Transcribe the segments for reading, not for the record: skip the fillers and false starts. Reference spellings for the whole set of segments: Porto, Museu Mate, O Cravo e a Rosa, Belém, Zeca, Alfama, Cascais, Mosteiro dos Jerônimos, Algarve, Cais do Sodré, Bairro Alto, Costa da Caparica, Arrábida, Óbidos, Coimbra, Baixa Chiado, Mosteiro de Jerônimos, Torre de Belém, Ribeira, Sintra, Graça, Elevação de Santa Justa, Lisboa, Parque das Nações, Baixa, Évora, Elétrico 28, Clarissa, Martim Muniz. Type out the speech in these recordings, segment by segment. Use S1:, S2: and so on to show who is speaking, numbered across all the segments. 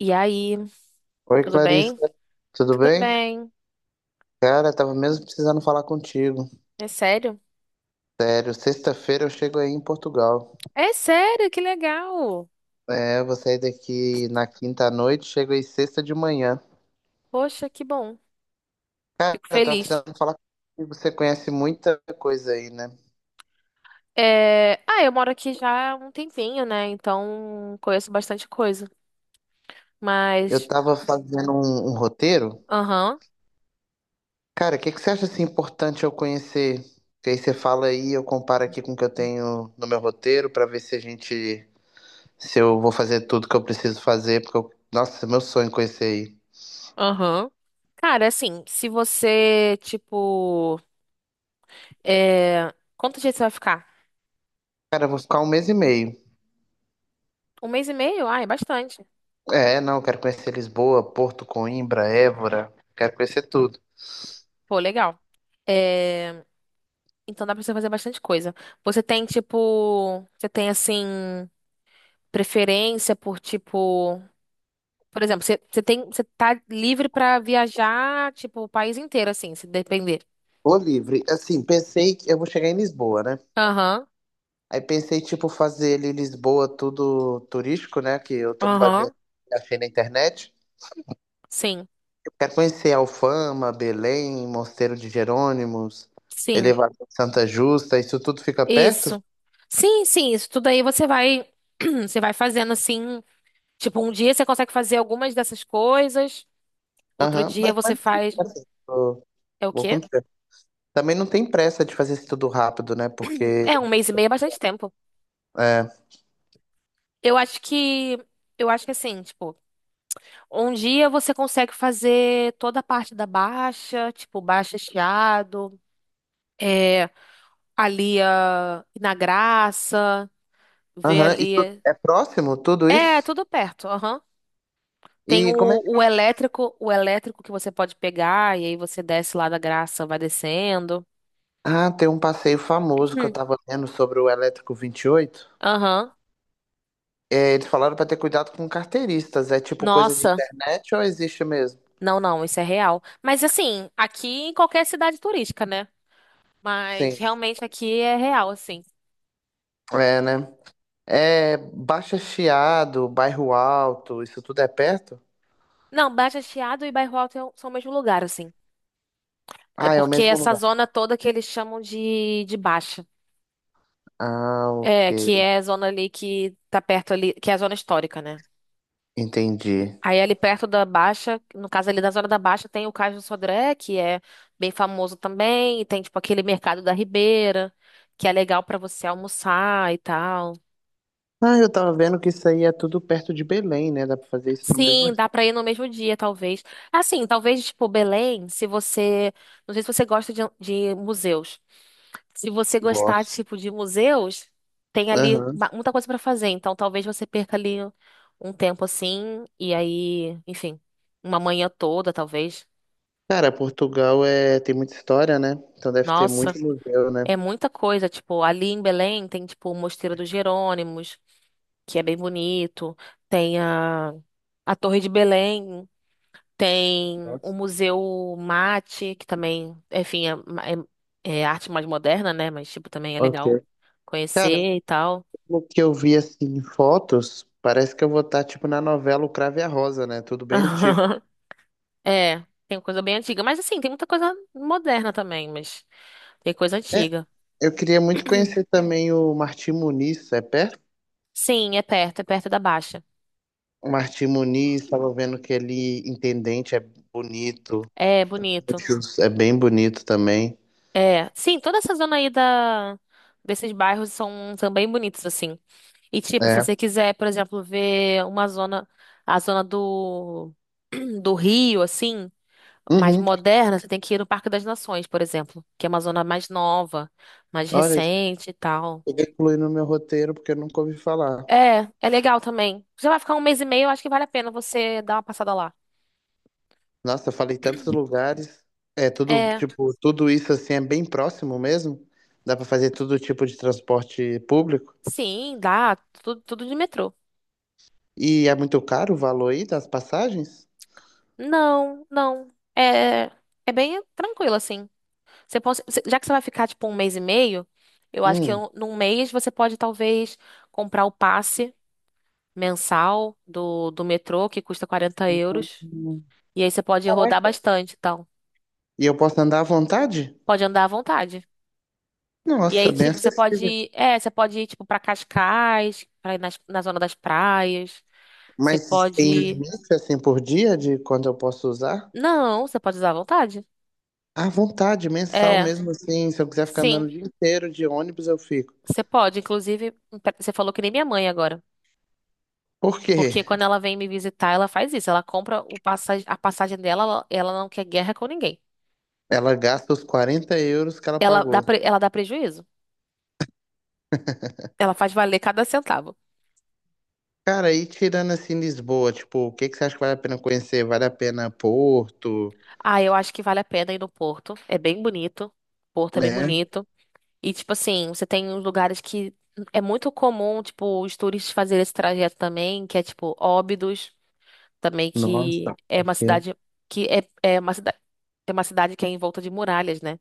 S1: E aí,
S2: Oi,
S1: tudo
S2: Clarissa,
S1: bem?
S2: tudo
S1: Tudo
S2: bem?
S1: bem.
S2: Cara, tava mesmo precisando falar contigo.
S1: É sério?
S2: Sério, sexta-feira eu chego aí em Portugal.
S1: É sério, que legal.
S2: É, eu vou sair daqui na quinta à noite, chego aí sexta de manhã.
S1: Poxa, que bom.
S2: Cara,
S1: Fico
S2: eu tava
S1: feliz.
S2: precisando falar contigo, você conhece muita coisa aí, né?
S1: É, ah, eu moro aqui já há um tempinho, né? Então conheço bastante coisa.
S2: Eu
S1: Mas,
S2: tava fazendo um roteiro.
S1: aham,
S2: Cara, o que que você acha assim importante eu conhecer? Que aí você fala aí, eu comparo aqui com o que eu tenho no meu roteiro pra ver se a gente, se eu vou fazer tudo que eu preciso fazer, porque eu, nossa, meu sonho é conhecer aí.
S1: aham. Cara, assim, se você, tipo, quanto dia você vai ficar?
S2: Cara, eu vou ficar um mês e meio.
S1: Um mês e meio? Ah, é bastante.
S2: É, não, quero conhecer Lisboa, Porto, Coimbra, Évora, quero conhecer tudo.
S1: Pô, legal. É, Então dá pra você fazer bastante coisa. Você tem assim, preferência por tipo, por exemplo, você tem, você tá livre pra viajar, tipo, o país inteiro assim, se depender.
S2: Tô livre. Assim, pensei que eu vou chegar em Lisboa, né?
S1: Aham.
S2: Aí pensei, tipo, fazer ali Lisboa tudo turístico, né? Que eu tô me baseando
S1: Aham.
S2: no que achei na internet.
S1: Sim.
S2: Eu quero conhecer Alfama, Belém, Mosteiro de Jerônimos,
S1: Sim.
S2: Elevação de Santa Justa, isso tudo fica perto?
S1: Isso. Sim, sim, isso tudo aí você vai, você vai fazendo assim, tipo, um dia você consegue fazer algumas dessas coisas, outro
S2: Aham,
S1: dia
S2: mas,
S1: você faz.
S2: assim, vou,
S1: É o
S2: vou com
S1: quê?
S2: tempo. Também não tem pressa de fazer isso tudo rápido, né? Porque
S1: É um mês e meio, é bastante tempo.
S2: é,
S1: Eu acho que eu acho que assim, tipo, um dia você consegue fazer toda a parte da baixa, tipo, baixa Chiado. É, Ali na Graça, ver
S2: aham,
S1: ali.
S2: isso
S1: É,
S2: é próximo, tudo
S1: é
S2: isso?
S1: tudo perto, aham.
S2: E
S1: Tem
S2: como é
S1: o,
S2: que
S1: o elétrico, o elétrico que você pode pegar, e aí você desce lá da Graça, vai descendo.
S2: Ah, tem um passeio famoso que eu
S1: Uhum.
S2: tava lendo sobre o Elétrico 28.
S1: Aham.
S2: É, eles falaram pra ter cuidado com carteiristas. É tipo coisa de
S1: Nossa,
S2: internet ou existe mesmo?
S1: não, não, isso é real. Mas assim, aqui em qualquer cidade turística, né? Mas
S2: Sim,
S1: realmente aqui é real, assim.
S2: é, né? É Baixa Chiado, Bairro Alto, isso tudo é perto?
S1: Não, Baixa Chiado e Bairro Alto são o mesmo lugar, assim. É
S2: Ah, é o
S1: porque
S2: mesmo
S1: essa
S2: lugar.
S1: zona toda que eles chamam de Baixa.
S2: Ah, ok.
S1: É, que é a zona ali que tá perto ali, que é a zona histórica, né?
S2: Entendi.
S1: Aí ali perto da Baixa, no caso ali da zona da Baixa, tem o Cais do Sodré, que é bem famoso também, e tem tipo aquele mercado da Ribeira, que é legal pra você almoçar e tal.
S2: Ah, eu tava vendo que isso aí é tudo perto de Belém, né? Dá pra fazer isso no mesmo.
S1: Sim, dá pra ir no mesmo dia, talvez. Assim, talvez tipo Belém, se você, não sei se você gosta de museus. Se você gostar,
S2: Gosto.
S1: tipo, de museus, tem ali
S2: Aham.
S1: muita coisa para fazer. Então, talvez você perca ali um tempo assim, e aí, enfim, uma manhã toda, talvez.
S2: Cara, Portugal é, tem muita história, né? Então deve ter
S1: Nossa,
S2: muito museu, né?
S1: é muita coisa. Tipo, ali em Belém tem, tipo, o Mosteiro dos Jerônimos, que é bem bonito. Tem a Torre de Belém. Tem o Museu Mate, que também, enfim, é arte mais moderna, né? Mas, tipo, também é legal
S2: Ok. Cara,
S1: conhecer e tal.
S2: pelo que eu vi assim em fotos, parece que eu vou estar tipo na novela O Cravo e a Rosa, né? Tudo bem antigo.
S1: É, tem coisa bem antiga. Mas assim, tem muita coisa moderna também, mas tem coisa
S2: É,
S1: antiga.
S2: eu queria muito conhecer também o Martim Muniz, é perto?
S1: Sim, é perto da Baixa.
S2: O Martim Muniz, estava vendo que ele intendente é bonito,
S1: É bonito.
S2: é bem bonito também.
S1: É. Sim, toda essa zona aí da... desses bairros são, são bem bonitos, assim. E tipo, se
S2: É.
S1: você quiser, por exemplo, ver uma zona, a zona do, do Rio, assim, mais
S2: Uhum.
S1: moderna, você tem que ir no Parque das Nações, por exemplo, que é uma zona mais nova, mais
S2: Olha,
S1: recente e tal.
S2: eu vou incluir no meu roteiro porque eu nunca ouvi falar.
S1: É, é legal também. Você vai ficar um mês e meio, eu acho que vale a pena você dar uma passada lá.
S2: Nossa, eu falei tantos lugares. É tudo,
S1: É,
S2: tipo, tudo isso assim é bem próximo mesmo? Dá para fazer todo tipo de transporte público?
S1: sim, dá, tudo de metrô.
S2: E é muito caro o valor aí das passagens?
S1: Não, não. É, é bem tranquilo, assim. Você pode, já que você vai ficar, tipo, um mês e meio, eu acho que
S2: Hum.
S1: num mês você pode, talvez, comprar o passe mensal do metrô, que custa 40 euros.
S2: Hum.
S1: E aí você pode rodar
S2: Caraca.
S1: bastante, então.
S2: E eu posso andar à vontade?
S1: Pode andar à vontade. E
S2: Nossa,
S1: aí,
S2: bem
S1: tipo, você
S2: acessível.
S1: pode ir, é, você pode ir, tipo, pra Cascais, pra ir nas- na zona das praias. Você
S2: Mas tem
S1: pode.
S2: limite assim por dia de quando eu posso usar?
S1: Não, você pode usar à vontade.
S2: À vontade, mensal
S1: É,
S2: mesmo assim. Se eu quiser ficar andando
S1: sim,
S2: o dia inteiro de ônibus, eu fico.
S1: você pode. Inclusive, você falou que nem minha mãe agora.
S2: Por quê?
S1: Porque quando ela vem me visitar, ela faz isso. Ela compra o passagem, a passagem dela, ela não quer guerra com ninguém.
S2: Ela gasta os 40 euros que ela
S1: Ela dá,
S2: pagou.
S1: pre- ela dá prejuízo. Ela faz valer cada centavo.
S2: Cara, e tirando assim Lisboa, tipo, o que que você acha que vale a pena conhecer? Vale a pena Porto,
S1: Ah, eu acho que vale a pena ir no Porto. É bem bonito. Porto é bem
S2: né?
S1: bonito. E, tipo assim, você tem uns lugares que é muito comum, tipo, os turistas fazerem esse trajeto também, que é, tipo, Óbidos, também, que
S2: Nossa.
S1: é, uma
S2: Ok.
S1: cidade que é uma cidade, é uma cidade que é envolta de muralhas, né?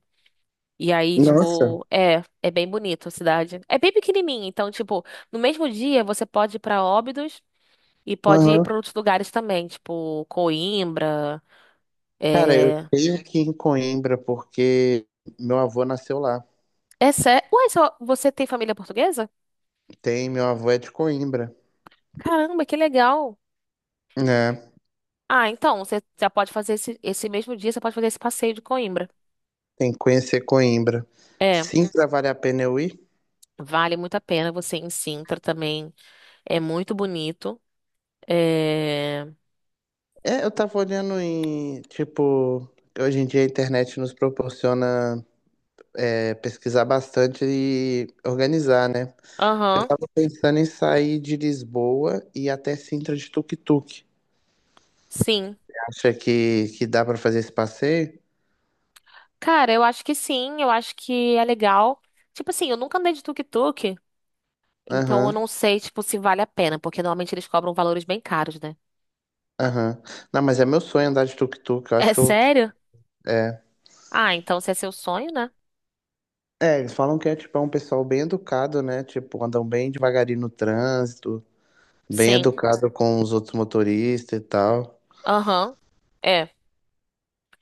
S1: E aí,
S2: Nossa.
S1: tipo, é bem bonito a cidade. É bem pequenininha, então, tipo, no mesmo dia você pode ir pra Óbidos e pode ir
S2: Aham.
S1: pra outros lugares também, tipo, Coimbra,
S2: Cara, eu
S1: é...
S2: tenho que ir em Coimbra porque meu avô nasceu lá.
S1: É sério? Ué, só você tem família portuguesa?
S2: Tem, meu avô é de Coimbra,
S1: Caramba, que legal!
S2: né?
S1: Ah, então, você já pode fazer esse, esse mesmo dia, você pode fazer esse passeio de Coimbra.
S2: Tem que conhecer Coimbra.
S1: É,
S2: Sintra vale a pena eu ir?
S1: vale muito a pena você ir em Sintra também. É muito bonito. É.
S2: É, eu tava olhando em, tipo, hoje em dia a internet nos proporciona pesquisar bastante e organizar, né? Eu
S1: Aham,
S2: tava pensando em sair de Lisboa e ir até Sintra de tuk-tuk.
S1: sim.
S2: Acha que dá pra fazer esse passeio?
S1: Cara, eu acho que sim, eu acho que é legal. Tipo assim, eu nunca andei de tuk-tuk, então eu
S2: Aham,
S1: não sei, tipo, se vale a pena, porque normalmente eles cobram valores bem caros, né?
S2: aham. Não, mas é meu sonho andar de tuk-tuk. Eu acho
S1: É
S2: que eu.
S1: sério?
S2: É.
S1: Ah, então se é seu sonho, né?
S2: É, eles falam que é tipo é um pessoal bem educado, né? Tipo, andam bem devagarinho no trânsito, bem
S1: Sim.
S2: educado com os outros motoristas e tal.
S1: Aham. É.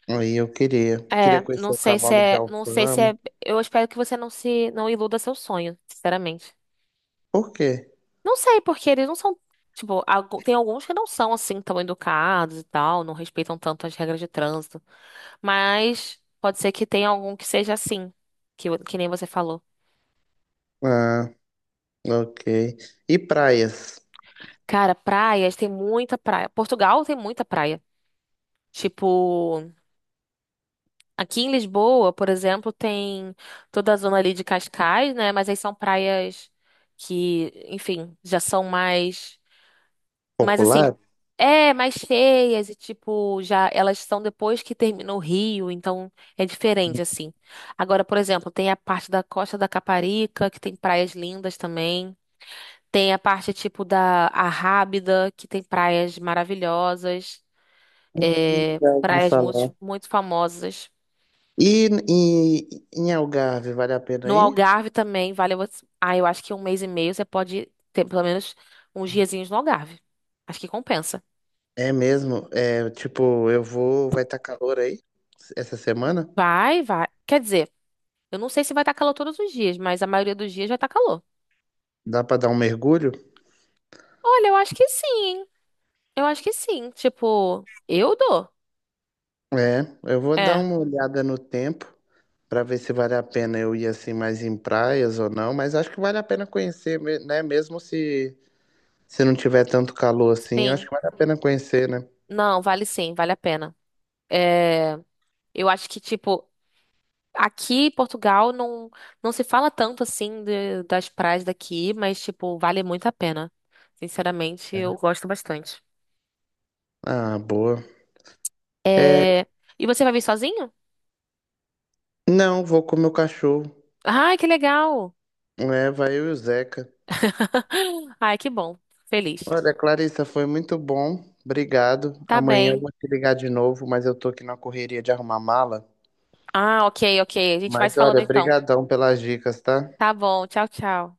S2: Aí eu queria,
S1: É,
S2: queria
S1: não
S2: conhecer o
S1: sei se
S2: cavalo de
S1: é, não sei se
S2: Alfama.
S1: é, eu espero que você não se, não iluda seu sonho, sinceramente.
S2: Por quê?
S1: Não sei, porque eles não são, tipo, tem alguns que não são assim tão educados e tal, não respeitam tanto as regras de trânsito, mas pode ser que tenha algum que seja assim, que, o- que nem você falou.
S2: Ah, ok. E praias
S1: Cara, praias, tem muita praia. Portugal tem muita praia. Tipo, aqui em Lisboa, por exemplo, tem toda a zona ali de Cascais, né? Mas aí são praias que, enfim, já são mais. Mas assim,
S2: populares?
S1: é mais cheias e tipo, já elas são depois que termina o rio, então é diferente assim. Agora, por exemplo, tem a parte da Costa da Caparica, que tem praias lindas também. Tem a parte tipo da Arrábida, que tem praias maravilhosas,
S2: Hum.
S1: é,
S2: Já ouvi
S1: praias muito,
S2: falar.
S1: muito famosas.
S2: E em Algarve, vale a pena
S1: No
S2: ir?
S1: Algarve também, vale você. Ah, eu acho que um mês e meio você pode ter pelo menos uns diazinhos no Algarve. Acho que compensa.
S2: É mesmo, é, tipo, vai estar calor aí essa semana?
S1: Vai, vai. Quer dizer, eu não sei se vai estar calor todos os dias, mas a maioria dos dias vai estar calor.
S2: Dá pra dar um mergulho?
S1: Olha, eu acho que sim, hein? Eu acho que sim. Tipo, eu dou.
S2: É, eu vou dar
S1: É,
S2: uma olhada no tempo para ver se vale a pena eu ir assim mais em praias ou não, mas acho que vale a pena conhecer, né? Mesmo se não tiver tanto calor assim, eu acho
S1: sim.
S2: que vale a pena conhecer, né?
S1: Não, vale sim, vale a pena. É, eu acho que, tipo, aqui em Portugal não, não se fala tanto assim das praias daqui, mas, tipo, vale muito a pena. Sinceramente, eu
S2: É.
S1: gosto bastante.
S2: Ah, boa. É,
S1: É, e você vai vir sozinho?
S2: não, vou com o meu cachorro.
S1: Ai, que legal!
S2: É, vai eu e o Zeca.
S1: Ai, que bom. Feliz.
S2: Olha, Clarissa, foi muito bom. Obrigado.
S1: Tá
S2: Amanhã eu
S1: bem.
S2: vou te ligar de novo, mas eu tô aqui na correria de arrumar mala.
S1: Ah, ok, ok. A gente vai se
S2: Mas
S1: falando
S2: olha,
S1: então.
S2: brigadão pelas dicas, tá?
S1: Tá bom, tchau, tchau.